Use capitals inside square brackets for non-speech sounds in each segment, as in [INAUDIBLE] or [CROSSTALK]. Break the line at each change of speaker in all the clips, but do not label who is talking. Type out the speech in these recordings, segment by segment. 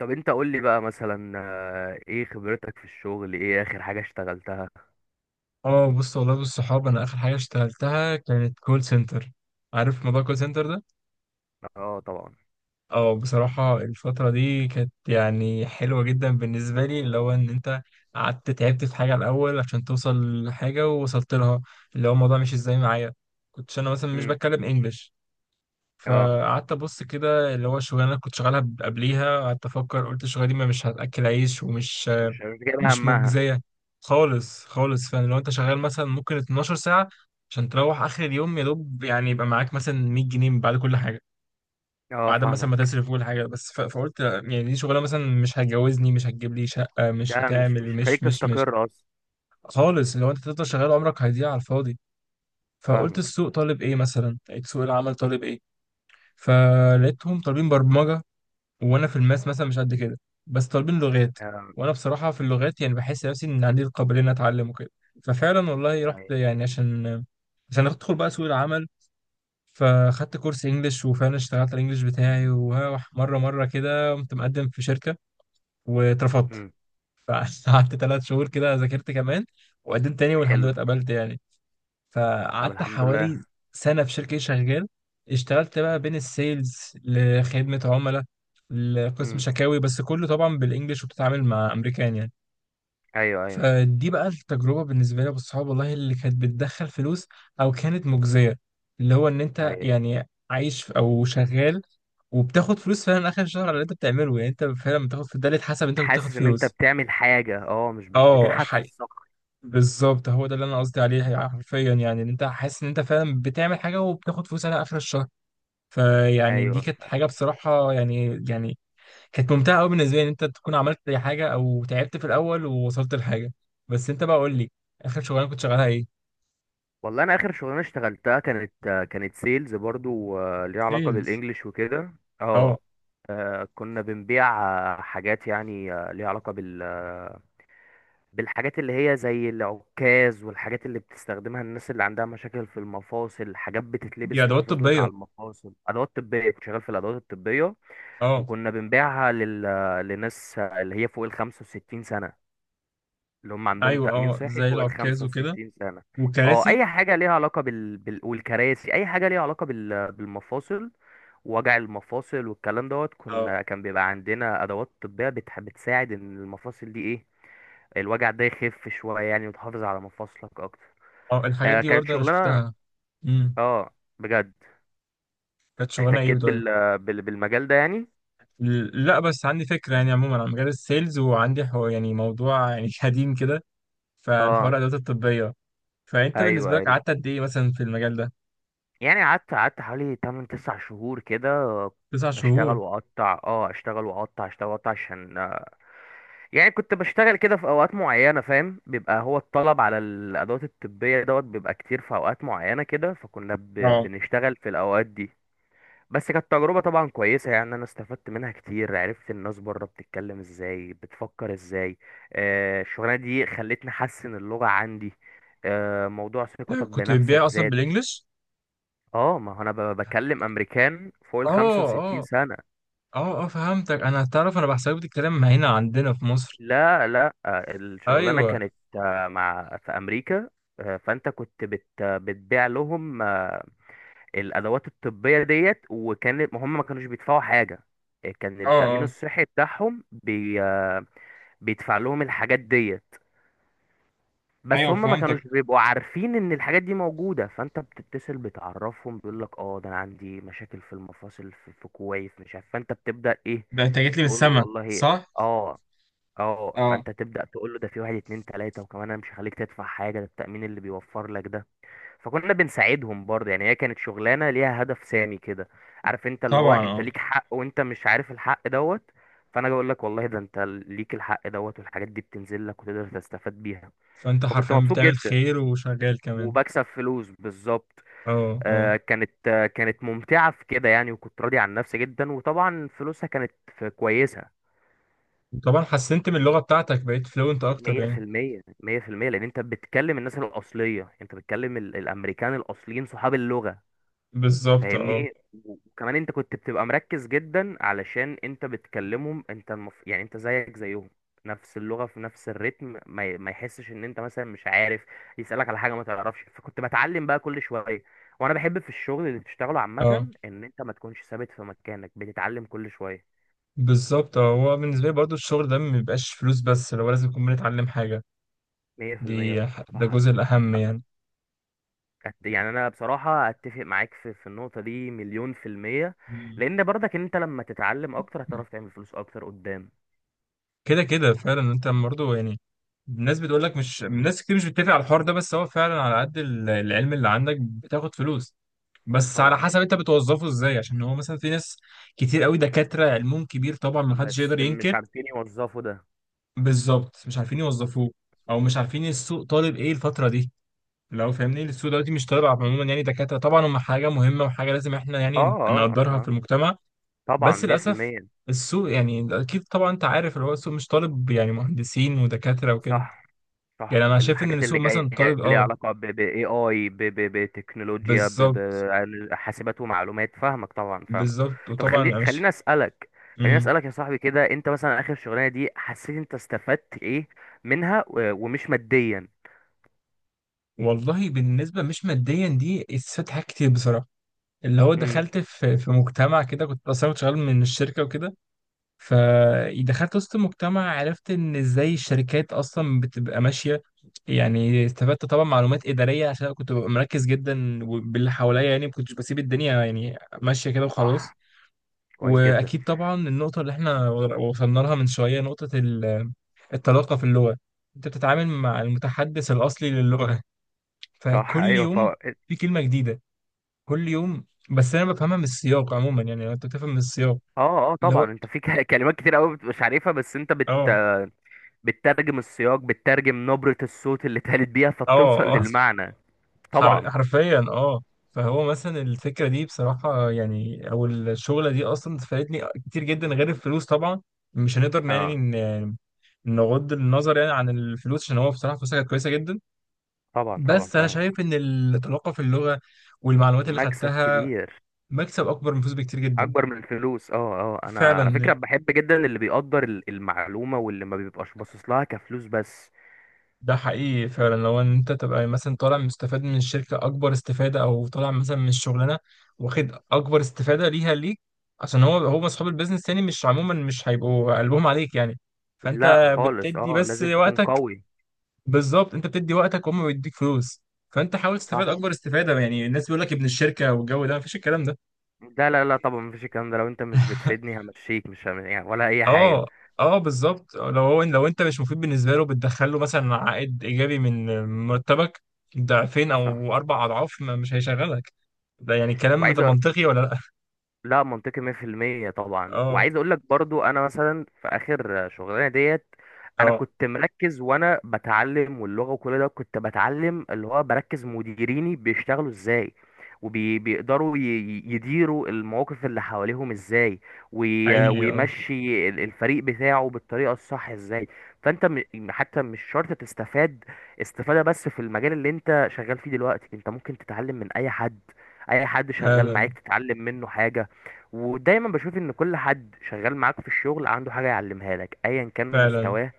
طب، انت قول لي بقى مثلا، ايه خبرتك في الشغل؟ ايه اخر حاجة اشتغلتها؟
اه، بص والله بالصحاب انا اخر حاجه اشتغلتها كانت كول سنتر. عارف موضوع كول سنتر ده؟
اه، طبعا.
اه، بصراحه الفتره دي كانت يعني حلوه جدا بالنسبه لي، اللي هو ان انت قعدت تعبت في حاجه الاول عشان توصل لحاجه ووصلت لها. اللي هو الموضوع مش ازاي معايا، كنتش انا مثلا مش
امم.
بتكلم انجلش.
اه،
فقعدت ابص كده، اللي هو الشغلانه اللي كنت شغالها قبليها قعدت افكر، قلت الشغلانه دي ما مش هتاكل عيش ومش
مش جايب
مش
همها.
مجزية خالص خالص. فعلا لو انت شغال مثلا ممكن 12 ساعة، عشان تروح اخر اليوم يا دوب يعني يبقى معاك مثلا 100 جنيه بعد كل حاجة،
اه،
بعد مثلا ما
فاهمك.
تصرف كل حاجة. بس فقلت لا، يعني دي شغلة مثلا مش هتجوزني مش هتجيب لي شقة مش
ده مش
هتعمل
مش
مش
خليك
مش مش
تستقر اصلا.
خالص. لو انت تفضل شغال عمرك هيضيع على الفاضي. فقلت
فاهمك.
السوق طالب ايه، مثلا لقيت سوق العمل طالب ايه؟ فلقيتهم طالبين برمجة، وانا في الماس مثلا مش قد كده، بس طالبين لغات.
آه.
وانا بصراحه في اللغات يعني بحس نفسي ان عندي القابليه ان اتعلم وكده. ففعلا والله رحت
ايوه.
يعني عشان ادخل بقى سوق العمل. فخدت كورس انجليش، وفعلا اشتغلت على الانجليش بتاعي، ومره مره كده قمت مقدم في شركه واترفضت.
امم.
فقعدت [LAUGHS] ثلاث شهور كده ذاكرت كمان، وقدمت تاني والحمد
حلو.
لله اتقبلت يعني.
طب،
فقعدت
الحمد لله.
حوالي سنة في شركة شغال، اشتغلت بقى بين السيلز لخدمة عملاء لقسم
امم.
شكاوي، بس كله طبعا بالانجلش وبتتعامل مع امريكان يعني.
ايوه، ايوه.
فدي بقى التجربة بالنسبة لي والصحاب والله اللي كانت بتدخل فلوس او كانت مجزية، اللي هو ان انت
ايوه،
يعني عايش او شغال، وبتاخد فلوس فعلا اخر الشهر على اللي انت بتعمله، يعني انت فعلا بتاخد في ده، اللي اتحسب انت كنت بتاخد
حاسس ان انت
فلوس.
بتعمل حاجة، مش
اه
بتنحت في الصخر.
بالظبط، هو ده اللي انا قصدي عليه يعني، حرفيا يعني ان انت حاسس ان انت فعلا بتعمل حاجه وبتاخد فلوس على اخر الشهر. فيعني دي
ايوه.
كانت حاجه بصراحه يعني كانت ممتعه قوي بالنسبه لي، ان انت تكون عملت أي حاجه او تعبت في الاول ووصلت لحاجه. بس انت بقى قول لي، اخر شغلانه كنت شغالها ايه؟
والله، انا اخر شغلانه اشتغلتها كانت سيلز برضو، ليها علاقه
سيلز،
بالانجليش وكده. اه.
اه.
كنا بنبيع حاجات يعني ليها علاقه بالحاجات اللي هي زي العكاز، والحاجات اللي بتستخدمها الناس اللي عندها مشاكل في المفاصل، حاجات
دي
بتتلبس
ادوات
تحافظ لك
طبيه،
على المفاصل، ادوات طبيه، كنت شغال في الادوات الطبيه.
اه.
وكنا بنبيعها لل... آه، لناس اللي هي فوق ال 65 سنه، اللي هم عندهم
ايوه،
تأمين
اه
صحي
زي
فوق ال
العكاز وكده،
65 سنة. اه،
والكراسي.
اي حاجة ليها علاقة والكراسي، اي حاجة ليها علاقة بالمفاصل، وجع المفاصل والكلام دوت.
اه
كان بيبقى عندنا ادوات طبية بتساعد ان المفاصل دي ايه، الوجع ده يخف شوية يعني، وتحافظ على مفاصلك اكتر.
اه، الحاجات
آه،
دي
كانت
برضه انا
شغلانة.
شفتها. امم،
اه، بجد.
كانت شغلانه ايه؟
احتكيت بالمجال ده يعني.
لا بس عندي فكرة يعني عموما عن مجال السيلز، وعندي يعني موضوع يعني [LAUGHS] قديم كده، فعن حوار
اه،
الأدوات الطبية. فأنت بالنسبة
ايوه،
لك
ايوه،
قعدت قد إيه مثلا في المجال ده؟
يعني قعدت حوالي 8 9 شهور كده،
تسع
بشتغل
شهور،
واقطع، اشتغل واقطع، اشتغل واقطع عشان، يعني كنت بشتغل كده في اوقات معينه، فاهم؟ بيبقى هو الطلب على الادوات الطبيه دوت بيبقى كتير في اوقات معينه كده، فكنا
اه.
بنشتغل في الاوقات دي. بس كانت تجربه طبعا كويسه يعني، انا استفدت منها كتير، عرفت الناس بره بتتكلم ازاي، بتفكر ازاي. الشغلانه دي خلتني احسن اللغه عندي. موضوع
ده
ثقتك
كنت بتبيع
بنفسك
أصلا
زاد.
بالإنجلش؟
اه، ما هو انا بكلم امريكان فوق ال
آه
65
آه.
سنة.
آه آه، فهمتك أنا، تعرف أنا بحسبك الكلام ما هنا عندنا في مصر.
لا، لا، الشغلانة
أيوه.
كانت، آه، مع في امريكا. فانت كنت بتبيع لهم الادوات الطبية ديت، وكان ما كانوش بيدفعوا حاجة. كان
اه
التأمين
اه،
الصحي بتاعهم بي آه، بيدفع لهم الحاجات ديت. بس
ايوه
هم ما
فهمتك.
كانوش بيبقوا عارفين ان الحاجات دي موجودة، فانت بتتصل بتعرفهم، بيقول لك: اه، ده انا عندي مشاكل في المفاصل في كويس مش عارف. فانت بتبدأ ايه؟
ده أنت جيت لي من
تقول له:
السما،
والله.
صح؟
اه. اه،
اه،
فانت تبدأ تقول له: ده في واحد، اتنين، تلاتة، وكمان انا مش هخليك تدفع حاجة، ده التأمين اللي بيوفر لك ده. فكنا بنساعدهم برضه يعني، هي كانت شغلانة ليها هدف سامي كده. عارف انت اللي هو
طبعا
انت
اه.
ليك حق وانت مش عارف الحق دوت. فانا بقول لك والله ده انت ليك الحق دوت، والحاجات دي بتنزل لك وتقدر تستفاد بيها.
فانت
فكنت
حرفيا
مبسوط
بتعمل
جدا،
خير وشغال كمان.
وبكسب فلوس بالظبط.
اه اه.
كانت ممتعة في كده يعني، وكنت راضي عن نفسي جدا، وطبعا فلوسها كانت كويسة.
طبعا حسنت من اللغة بتاعتك، بقيت فلوينت اكتر
مية في
يعني.
المية 100%، لأن أنت بتكلم الناس الأصلية، أنت بتكلم الأمريكان الأصليين، صحاب اللغة.
بالظبط اه.
فاهمني. وكمان انت كنت بتبقى مركز جدا علشان انت بتكلمهم، انت يعني انت زيك زيهم، نفس اللغة في نفس الريتم، ما يحسش ان انت مثلا مش عارف، يسألك على حاجة ما تعرفش، فكنت بتعلم بقى كل شوية. وانا بحب في الشغل اللي بتشتغله
اه
عامة ان انت ما تكونش ثابت في مكانك، بتتعلم كل شوية.
بالظبط اه، هو بالنسبه لي برضو الشغل ده ما بيبقاش فلوس بس، لو لازم نكون بنتعلم حاجه،
100%.
ده
صح.
الجزء الاهم
هت-
يعني.
يعني انا بصراحة اتفق معاك في النقطة دي مليون في المية.
مم.
لان برضك انت لما تتعلم اكتر، هتعرف تعمل فلوس اكتر قدام.
كده كده فعلا، انت برضو يعني الناس بتقول لك، مش الناس كتير مش بتتفق على الحوار ده، بس هو فعلا على قد العلم اللي عندك بتاخد فلوس، بس على
طبعا.
حسب انت بتوظفه ازاي، عشان هو مثلا في ناس كتير قوي دكاترة علمهم كبير طبعا ما حدش يقدر
بس مش
ينكر.
عارفين يوظفوا ده.
بالظبط مش عارفين يوظفوه، او مش عارفين السوق طالب ايه الفترة دي، لو فاهمني السوق دلوقتي مش طالع عموما، يعني دكاترة طبعا هم حاجة مهمة وحاجة لازم احنا
اه،
يعني
اه، اه.
نقدرها في
آه.
المجتمع.
طبعا
بس للأسف
100%.
السوق، يعني أكيد طبعا أنت عارف، اللي هو السوق مش طالب يعني مهندسين ودكاترة وكده.
صح،
يعني
صح،
أنا شايف إن
الحاجات
السوق
اللي جايه
مثلا طالب
ليها
أه.
علاقه ب اي بتكنولوجيا،
بالظبط.
حاسبات ومعلومات. فاهمك، طبعا، فاهمك.
بالظبط
طب،
وطبعا أنا مش.
خليني اسالك. خليني
مم.
اسالك يا صاحبي كده، انت مثلا اخر شغلانه دي حسيت انت استفدت ايه منها، ومش ماديا؟
والله بالنسبة مش ماديا دي، استفدت حاجات كتير بصراحة، اللي هو
امم.
دخلت في مجتمع كده، كنت أصلا كنت شغال من الشركة وكده. فدخلت وسط المجتمع، عرفت ان ازاي الشركات اصلا بتبقى ماشيه، يعني استفدت طبعا معلومات اداريه، عشان أنا كنت ببقى مركز جدا وباللي حواليا، يعني ما كنتش بسيب الدنيا يعني ماشيه كده وخلاص.
صح. كويس جدا.
واكيد طبعا النقطه اللي احنا وصلنا لها من شويه، نقطه الطلاقه في اللغه، انت بتتعامل مع المتحدث الاصلي للغه،
صح. [LAUGHS]
فكل
ايوه
يوم
فوق.
في كلمه جديده، كل يوم. بس انا بفهمها من السياق عموما، يعني لو انت بتفهم من السياق
اه، اه،
اللي هو،
طبعا. انت في كلمات كتير قوي مش عارفها، بس انت
اه
بتترجم السياق، بتترجم نبرة الصوت اللي اتقالت بيها،
اه
فبتوصل
اه
للمعنى. طبعا.
حرفيا اه. فهو مثلا الفكرة دي بصراحة يعني، أو الشغلة دي أصلا فادتني كتير جدا غير الفلوس طبعا، مش هنقدر يعني
اه.
نغض النظر يعني عن الفلوس، عشان هو بصراحة فلوسها كانت كويسة جدا.
طبعا، طبعا،
بس أنا
فاهم.
شايف إن التلقى في اللغة والمعلومات اللي
مكسب
خدتها
كبير.
مكسب أكبر من فلوس بكتير جدا.
اكبر من الفلوس. اه، اه، انا على فكرة
فعلا.
بحب جدا اللي بيقدر المعلومة، واللي ما بيبقاش باصص لها كفلوس بس.
ده حقيقي فعلا، لو ان انت تبقى مثلا طالع مستفاد من الشركه اكبر استفاده، او طالع مثلا من الشغلانه واخد اكبر استفاده ليها ليك، عشان هو اصحاب البيزنس يعني مش، عموما مش هيبقوا قلبهم عليك يعني، فانت
لا، خالص،
بتدي
اه،
بس
لازم تكون
وقتك.
قوي.
بالظبط، انت بتدي وقتك وهم بيديك فلوس، فانت حاول تستفاد
صح.
اكبر استفاده، يعني الناس بيقول لك ابن الشركه والجو ده، مفيش الكلام ده.
لا، لا، لا، طبعا مفيش الكلام ده، لو انت مش بتفيدني همشيك، مش هم... يعني ولا اي حاجة.
اه اه بالظبط، لو انت مش مفيد بالنسبه له، بتدخل له مثلا عائد ايجابي من مرتبك ضعفين
صح.
او اربع اضعاف، ما مش هيشغلك. ده يعني، كلام
وعايز
ده
أ-
منطقي ولا لا؟
لا، منطقي 100%،
[LAUGHS]
طبعا.
اه
وعايز اقول لك برضو، انا مثلا في اخر شغلانه ديت، انا
اه
كنت مركز وانا بتعلم، واللغه وكل ده كنت بتعلم، اللي هو بركز مديريني بيشتغلوا ازاي، وبيقدروا يديروا المواقف اللي حواليهم ازاي،
حقيقي اه،
ويمشي الفريق بتاعه بالطريقه الصح ازاي. فانت حتى مش شرط تستفاد استفاده بس في المجال اللي انت شغال فيه دلوقتي، انت ممكن تتعلم من اي حد، اي حد شغال
فعلا
معاك تتعلم منه حاجه. ودايما بشوف ان كل حد شغال معاك في الشغل عنده حاجة يعلمها لك، ايا كان
فعلا
مستواه،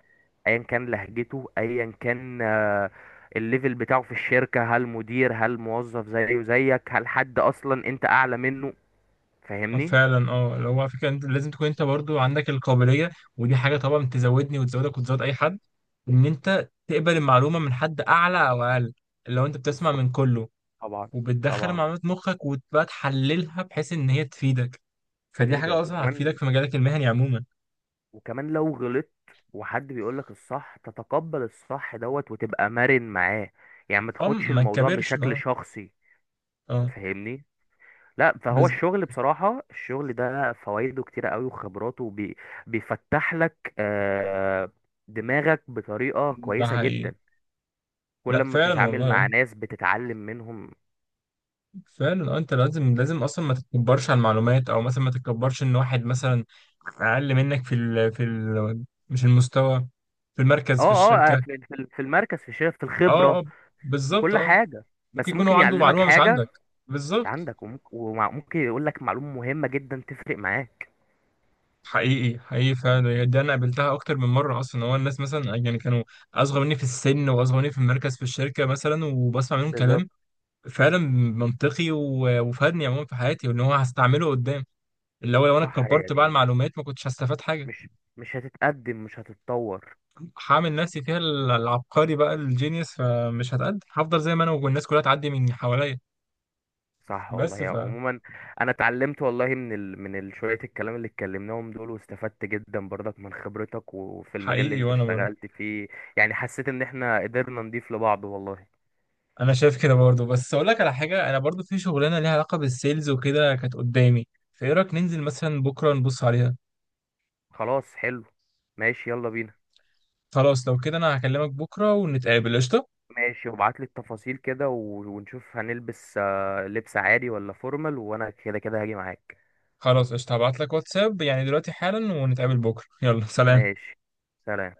ايا كان لهجته، ايا كان الليفل بتاعه في الشركة، هل مدير، هل موظف زيه زيك، هل حد اصلا انت اعلى منه. فاهمني.
فعلا اه. لو على فكره انت لازم تكون انت برضو عندك القابليه، ودي حاجه طبعا تزودني وتزودك وتزود اي حد، ان انت تقبل المعلومه من حد اعلى او اقل، لو انت بتسمع
بالظبط.
من كله
طبعا.
وبتدخل
طبعا.
معلومات مخك وتبقى تحللها بحيث ان هي تفيدك، فدي حاجة
تفيدك
أصلا هتفيدك
وكمان،
في مجالك المهني عموما.
وكمان لو غلطت وحد بيقول لك الصح، تتقبل الصح دوت وتبقى مرن معاه، يعني ما
اه
تاخدش
ما
الموضوع
تكبرش،
بشكل
اه.
شخصي.
اه
فاهمني. لا، فهو
بز...
الشغل بصراحة، الشغل ده فوائده كتيرة قوي، وخبراته بيفتح لك دماغك بطريقة
ده
كويسة
حقيقي.
جدا. كل
لا
ما
فعلا
بتتعامل
والله
مع
اه،
ناس بتتعلم منهم.
فعلا اه، انت لازم لازم اصلا ما تتكبرش على المعلومات، او مثلا ما تتكبرش ان واحد مثلا اقل منك مش المستوى، في
اه،
المركز في
اه،
الشركة.
في المركز، في الشغل، في
اه
الخبرة،
اه
في
بالظبط
كل
اه.
حاجة،
ممكن
بس
يكون هو
ممكن
عنده
يعلمك
معلومة مش
حاجة،
عندك. بالظبط.
عندك وممكن يقول لك معلومة مهمة جدا تفرق معاك.
حقيقي حقيقي فعلا، دي انا قابلتها اكتر من مره اصلا، هو الناس مثلا يعني كانوا اصغر مني في السن واصغر مني في المركز في الشركه مثلا، وبسمع منهم
بالظبط.
كلام فعلا منطقي وفادني عموما في حياتي، وان هو هستعمله قدام، اللي هو لو انا
صح
اتكبرت بقى على
يعني،
المعلومات ما كنتش هستفاد حاجه.
مش مش هتتقدم، مش هتتطور.
هعمل نفسي فيها العبقري بقى، الجينيوس، فمش هتقدم، هفضل زي ما انا والناس كلها تعدي من حواليا.
صح، والله،
بس
يا عموما، انا اتعلمت والله من شويه الكلام اللي اتكلمناهم دول، واستفدت جدا برضك من خبرتك وفي المجال اللي
فحقيقي
انت
وانا برضه.
اشتغلت فيه. يعني حسيت ان احنا قدرنا نضيف لبعض والله.
انا شايف كده برضه، بس اقول لك على حاجه، انا برضه في شغلانه ليها علاقه بالسيلز وكده كانت قدامي، فايه رايك ننزل مثلا بكره نبص عليها؟
خلاص، حلو. ماشي، يلا بينا.
خلاص لو كده انا هكلمك بكره ونتقابل قشطه.
ماشي، وابعت لي التفاصيل كده ونشوف هنلبس لبس عادي ولا فورمال، وانا كده كده هاجي معاك.
خلاص قشطه، هبعت لك واتساب يعني دلوقتي حالا ونتقابل بكره، يلا سلام.
ماشي. سلام.